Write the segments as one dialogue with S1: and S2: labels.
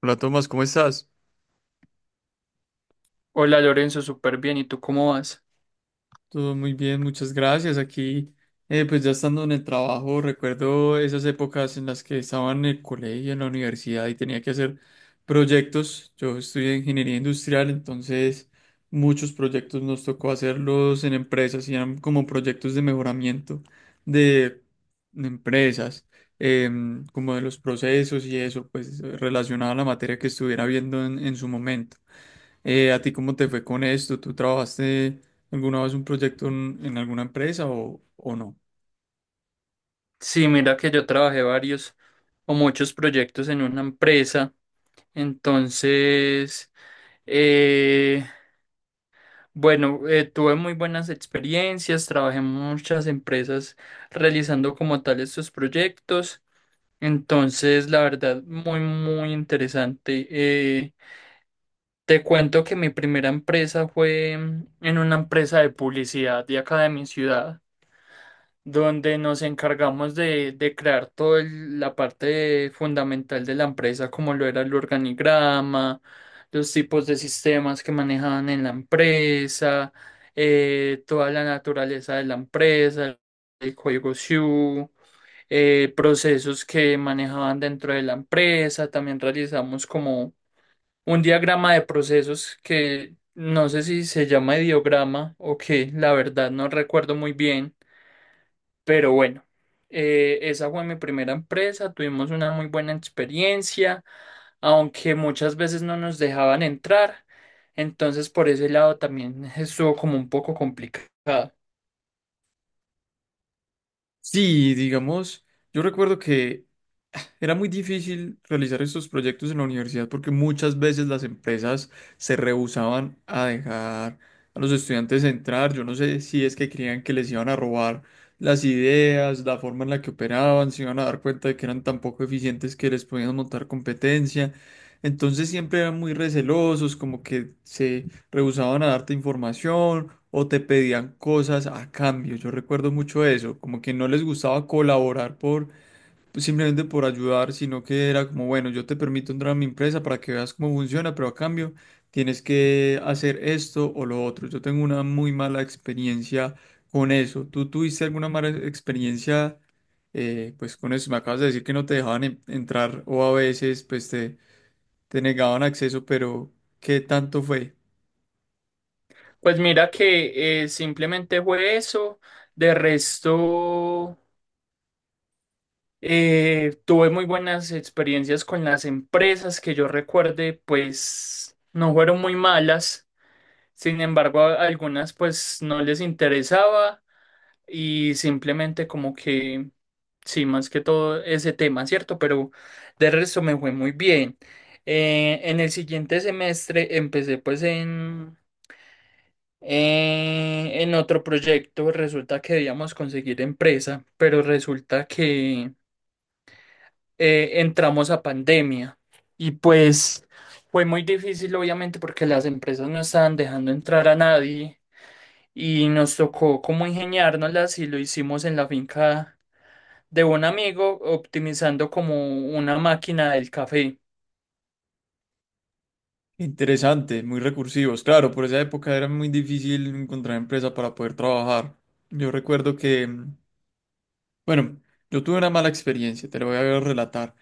S1: Hola Tomás, ¿cómo estás?
S2: Hola Lorenzo, súper bien. ¿Y tú cómo vas?
S1: Todo muy bien, muchas gracias. Aquí, pues ya estando en el trabajo, recuerdo esas épocas en las que estaba en el colegio, en la universidad y tenía que hacer proyectos. Yo estudié ingeniería industrial, entonces muchos proyectos nos tocó hacerlos en empresas y eran como proyectos de mejoramiento de empresas, como de los procesos y eso, pues relacionado a la materia que estuviera viendo en su momento. ¿a ti cómo te fue con esto? ¿Tú trabajaste alguna vez un proyecto en alguna empresa o no?
S2: Sí, mira que yo trabajé varios o muchos proyectos en una empresa. Entonces, eh, bueno, tuve muy buenas experiencias, trabajé en muchas empresas realizando como tal estos proyectos. Entonces, la verdad, muy, muy interesante. Te cuento que mi primera empresa fue en una empresa de publicidad de acá de mi ciudad, donde nos encargamos de crear toda la parte fundamental de la empresa, como lo era el organigrama, los tipos de sistemas que manejaban en la empresa, toda la naturaleza de la empresa, el código SIU, procesos que manejaban dentro de la empresa. También realizamos como un diagrama de procesos que no sé si se llama ideograma o qué. La verdad, no recuerdo muy bien, pero bueno, esa fue mi primera empresa. Tuvimos una muy buena experiencia, aunque muchas veces no nos dejaban entrar, entonces por ese lado también estuvo como un poco complicado.
S1: Sí, digamos, yo recuerdo que era muy difícil realizar estos proyectos en la universidad porque muchas veces las empresas se rehusaban a dejar a los estudiantes entrar. Yo no sé si es que creían que les iban a robar las ideas, la forma en la que operaban, se iban a dar cuenta de que eran tan poco eficientes que les podían montar competencia. Entonces siempre eran muy recelosos, como que se rehusaban a darte información o te pedían cosas a cambio. Yo recuerdo mucho eso, como que no les gustaba colaborar por pues, simplemente por ayudar, sino que era como, bueno, yo te permito entrar a mi empresa para que veas cómo funciona, pero a cambio tienes que hacer esto o lo otro. Yo tengo una muy mala experiencia con eso. ¿Tú tuviste alguna mala experiencia pues con eso? Me acabas de decir que no te dejaban entrar o a veces pues te negaban acceso, pero ¿qué tanto fue?
S2: Pues mira que simplemente fue eso. De resto, tuve muy buenas experiencias con las empresas. Que yo recuerde, pues no fueron muy malas, sin embargo a algunas pues no les interesaba. Y simplemente como que, sí, más que todo ese tema, ¿cierto? Pero de resto me fue muy bien. En el siguiente semestre empecé pues en otro proyecto. Resulta que debíamos conseguir empresa, pero resulta que entramos a pandemia. Y pues fue muy difícil, obviamente, porque las empresas no estaban dejando entrar a nadie. Y nos tocó como ingeniárnoslas y lo hicimos en la finca de un amigo optimizando como una máquina del café.
S1: Interesante, muy recursivos. Claro, por esa época era muy difícil encontrar empresa para poder trabajar. Yo recuerdo que, bueno, yo tuve una mala experiencia, te lo voy a relatar.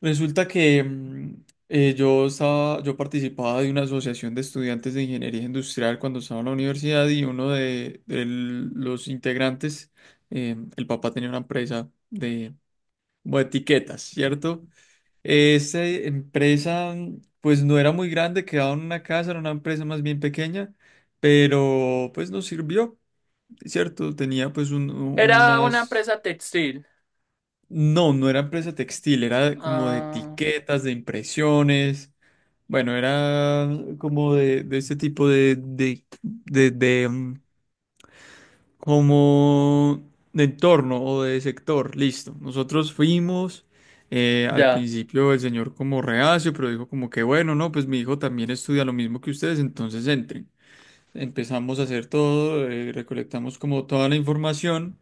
S1: Resulta que yo estaba, yo participaba de una asociación de estudiantes de ingeniería industrial cuando estaba en la universidad y uno de los integrantes, el papá tenía una empresa de, como de etiquetas, ¿cierto? Esta empresa, pues no era muy grande, quedaba en una casa, era una empresa más bien pequeña, pero pues nos sirvió, ¿cierto? Tenía pues
S2: ¿Era una
S1: unas...
S2: empresa textil?
S1: No, no era empresa textil, era como de
S2: Ah,
S1: etiquetas, de impresiones, bueno, era como de este tipo de, como de entorno o de sector, listo. Nosotros fuimos, al
S2: ya,
S1: principio el señor como reacio, pero dijo como que bueno, no, pues mi hijo también estudia lo mismo que ustedes, entonces entren. Empezamos a hacer todo, recolectamos como toda la información,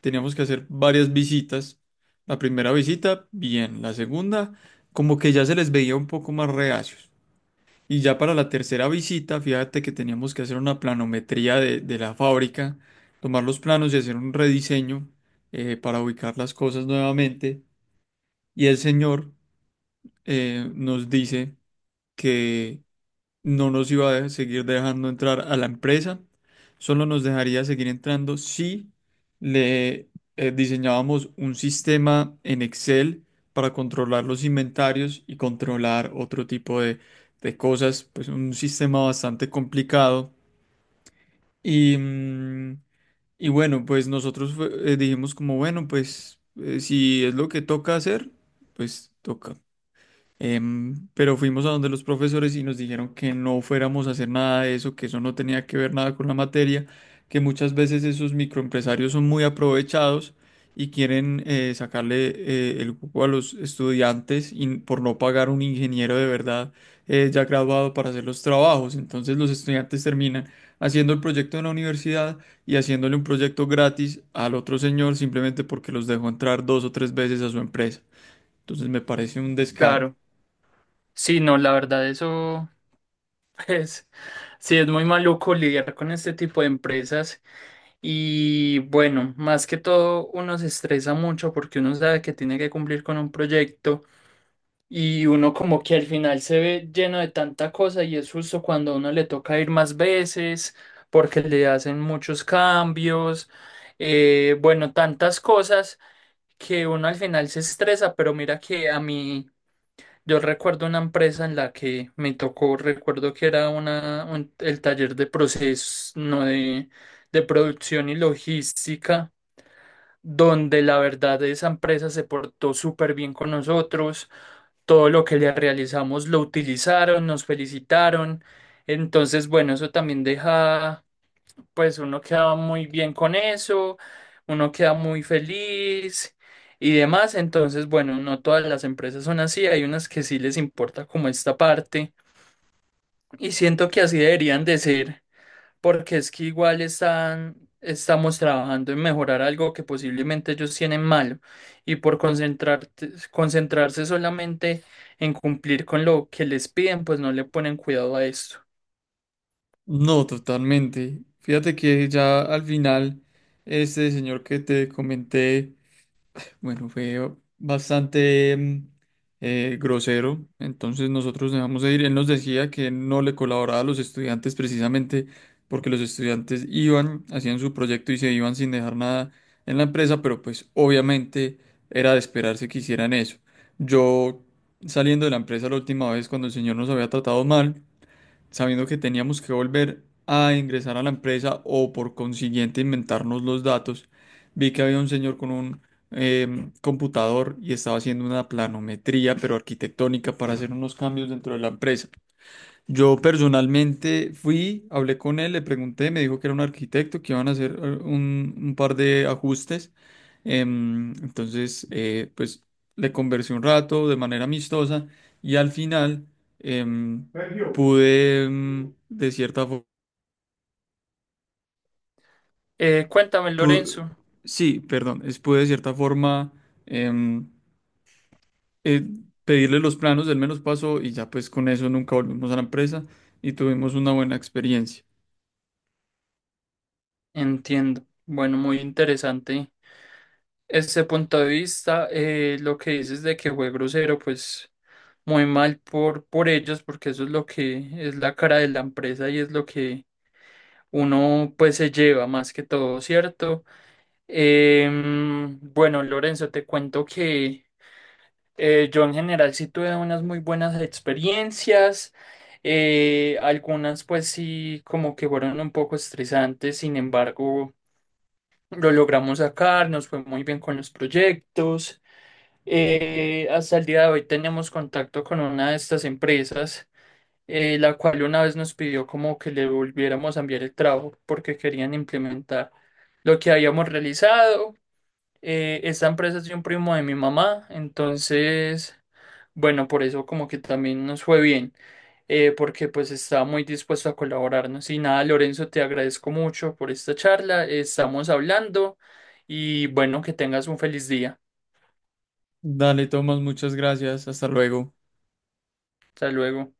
S1: teníamos que hacer varias visitas. La primera visita, bien, la segunda, como que ya se les veía un poco más reacios. Y ya para la tercera visita, fíjate que teníamos que hacer una planometría de la fábrica, tomar los planos y hacer un rediseño para ubicar las cosas nuevamente. Y el señor nos dice que no nos iba a seguir dejando entrar a la empresa, solo nos dejaría seguir entrando si le diseñábamos un sistema en Excel para controlar los inventarios y controlar otro tipo de cosas, pues un sistema bastante complicado. Y, y bueno, pues nosotros dijimos como, bueno, pues si es lo que toca hacer, pues toca. Pero fuimos a donde los profesores y nos dijeron que no fuéramos a hacer nada de eso, que eso no tenía que ver nada con la materia, que muchas veces esos microempresarios son muy aprovechados y quieren sacarle el cupo a los estudiantes y por no pagar un ingeniero de verdad ya graduado para hacer los trabajos. Entonces los estudiantes terminan haciendo el proyecto en la universidad y haciéndole un proyecto gratis al otro señor simplemente porque los dejó entrar dos o tres veces a su empresa. Entonces me parece un descaro.
S2: claro. Sí, no, la verdad, eso es, sí, es muy maluco lidiar con este tipo de empresas. Y bueno, más que todo, uno se estresa mucho porque uno sabe que tiene que cumplir con un proyecto. Y uno como que al final se ve lleno de tanta cosa y es justo cuando a uno le toca ir más veces porque le hacen muchos cambios, bueno, tantas cosas, que uno al final se estresa. Pero mira que a mí, yo recuerdo una empresa en la que me tocó, recuerdo que era el taller de procesos, no de, de producción y logística, donde la verdad esa empresa se portó súper bien con nosotros. Todo lo que le realizamos lo utilizaron, nos felicitaron. Entonces, bueno, eso también deja, pues uno queda muy bien con eso, uno queda muy feliz y demás. Entonces, bueno, no todas las empresas son así, hay unas que sí les importa como esta parte. Y siento que así deberían de ser, porque es que igual están, estamos trabajando en mejorar algo que posiblemente ellos tienen malo, y por concentrarse solamente en cumplir con lo que les piden, pues no le ponen cuidado a esto.
S1: No, totalmente. Fíjate que ya al final, este señor que te comenté, bueno, fue bastante grosero. Entonces nosotros dejamos de ir. Él nos decía que no le colaboraba a los estudiantes precisamente porque los estudiantes iban, hacían su proyecto y se iban sin dejar nada en la empresa, pero pues obviamente era de esperarse que hicieran eso. Yo saliendo de la empresa la última vez cuando el señor nos había tratado mal sabiendo que teníamos que volver a ingresar a la empresa o por consiguiente inventarnos los datos, vi que había un señor con un computador y estaba haciendo una planometría, pero arquitectónica, para hacer unos cambios dentro de la empresa. Yo personalmente fui, hablé con él, le pregunté, me dijo que era un arquitecto, que iban a hacer un par de ajustes. Entonces, pues le conversé un rato de manera amistosa y al final Sergio. Pude, em, de cierta
S2: Cuéntame,
S1: pu-
S2: Lorenzo.
S1: Sí, perdón, es, pude de cierta forma em, eh, pedirle los planos, él me los pasó y ya pues con eso nunca volvimos a la empresa y tuvimos una buena experiencia.
S2: Entiendo. Bueno, muy interesante ese punto de vista. Lo que dices de que fue grosero, pues muy mal por ellos, porque eso es lo que es la cara de la empresa y es lo que uno pues se lleva más que todo, ¿cierto? Em, bueno, Lorenzo, te cuento que yo en general sí tuve unas muy buenas experiencias. Eh, algunas pues sí como que fueron un poco estresantes, sin embargo lo logramos sacar, nos fue muy bien con los proyectos. Eh, hasta el día de hoy tenemos contacto con una de estas empresas, la cual una vez nos pidió como que le volviéramos a enviar el trabajo porque querían implementar lo que habíamos realizado. Esta empresa es de un primo de mi mamá, entonces, bueno, por eso como que también nos fue bien, porque pues estaba muy dispuesto a colaborarnos. Y nada, Lorenzo, te agradezco mucho por esta charla, estamos hablando y bueno, que tengas un feliz día.
S1: Dale, Tomás, muchas gracias. Hasta luego.
S2: Hasta luego.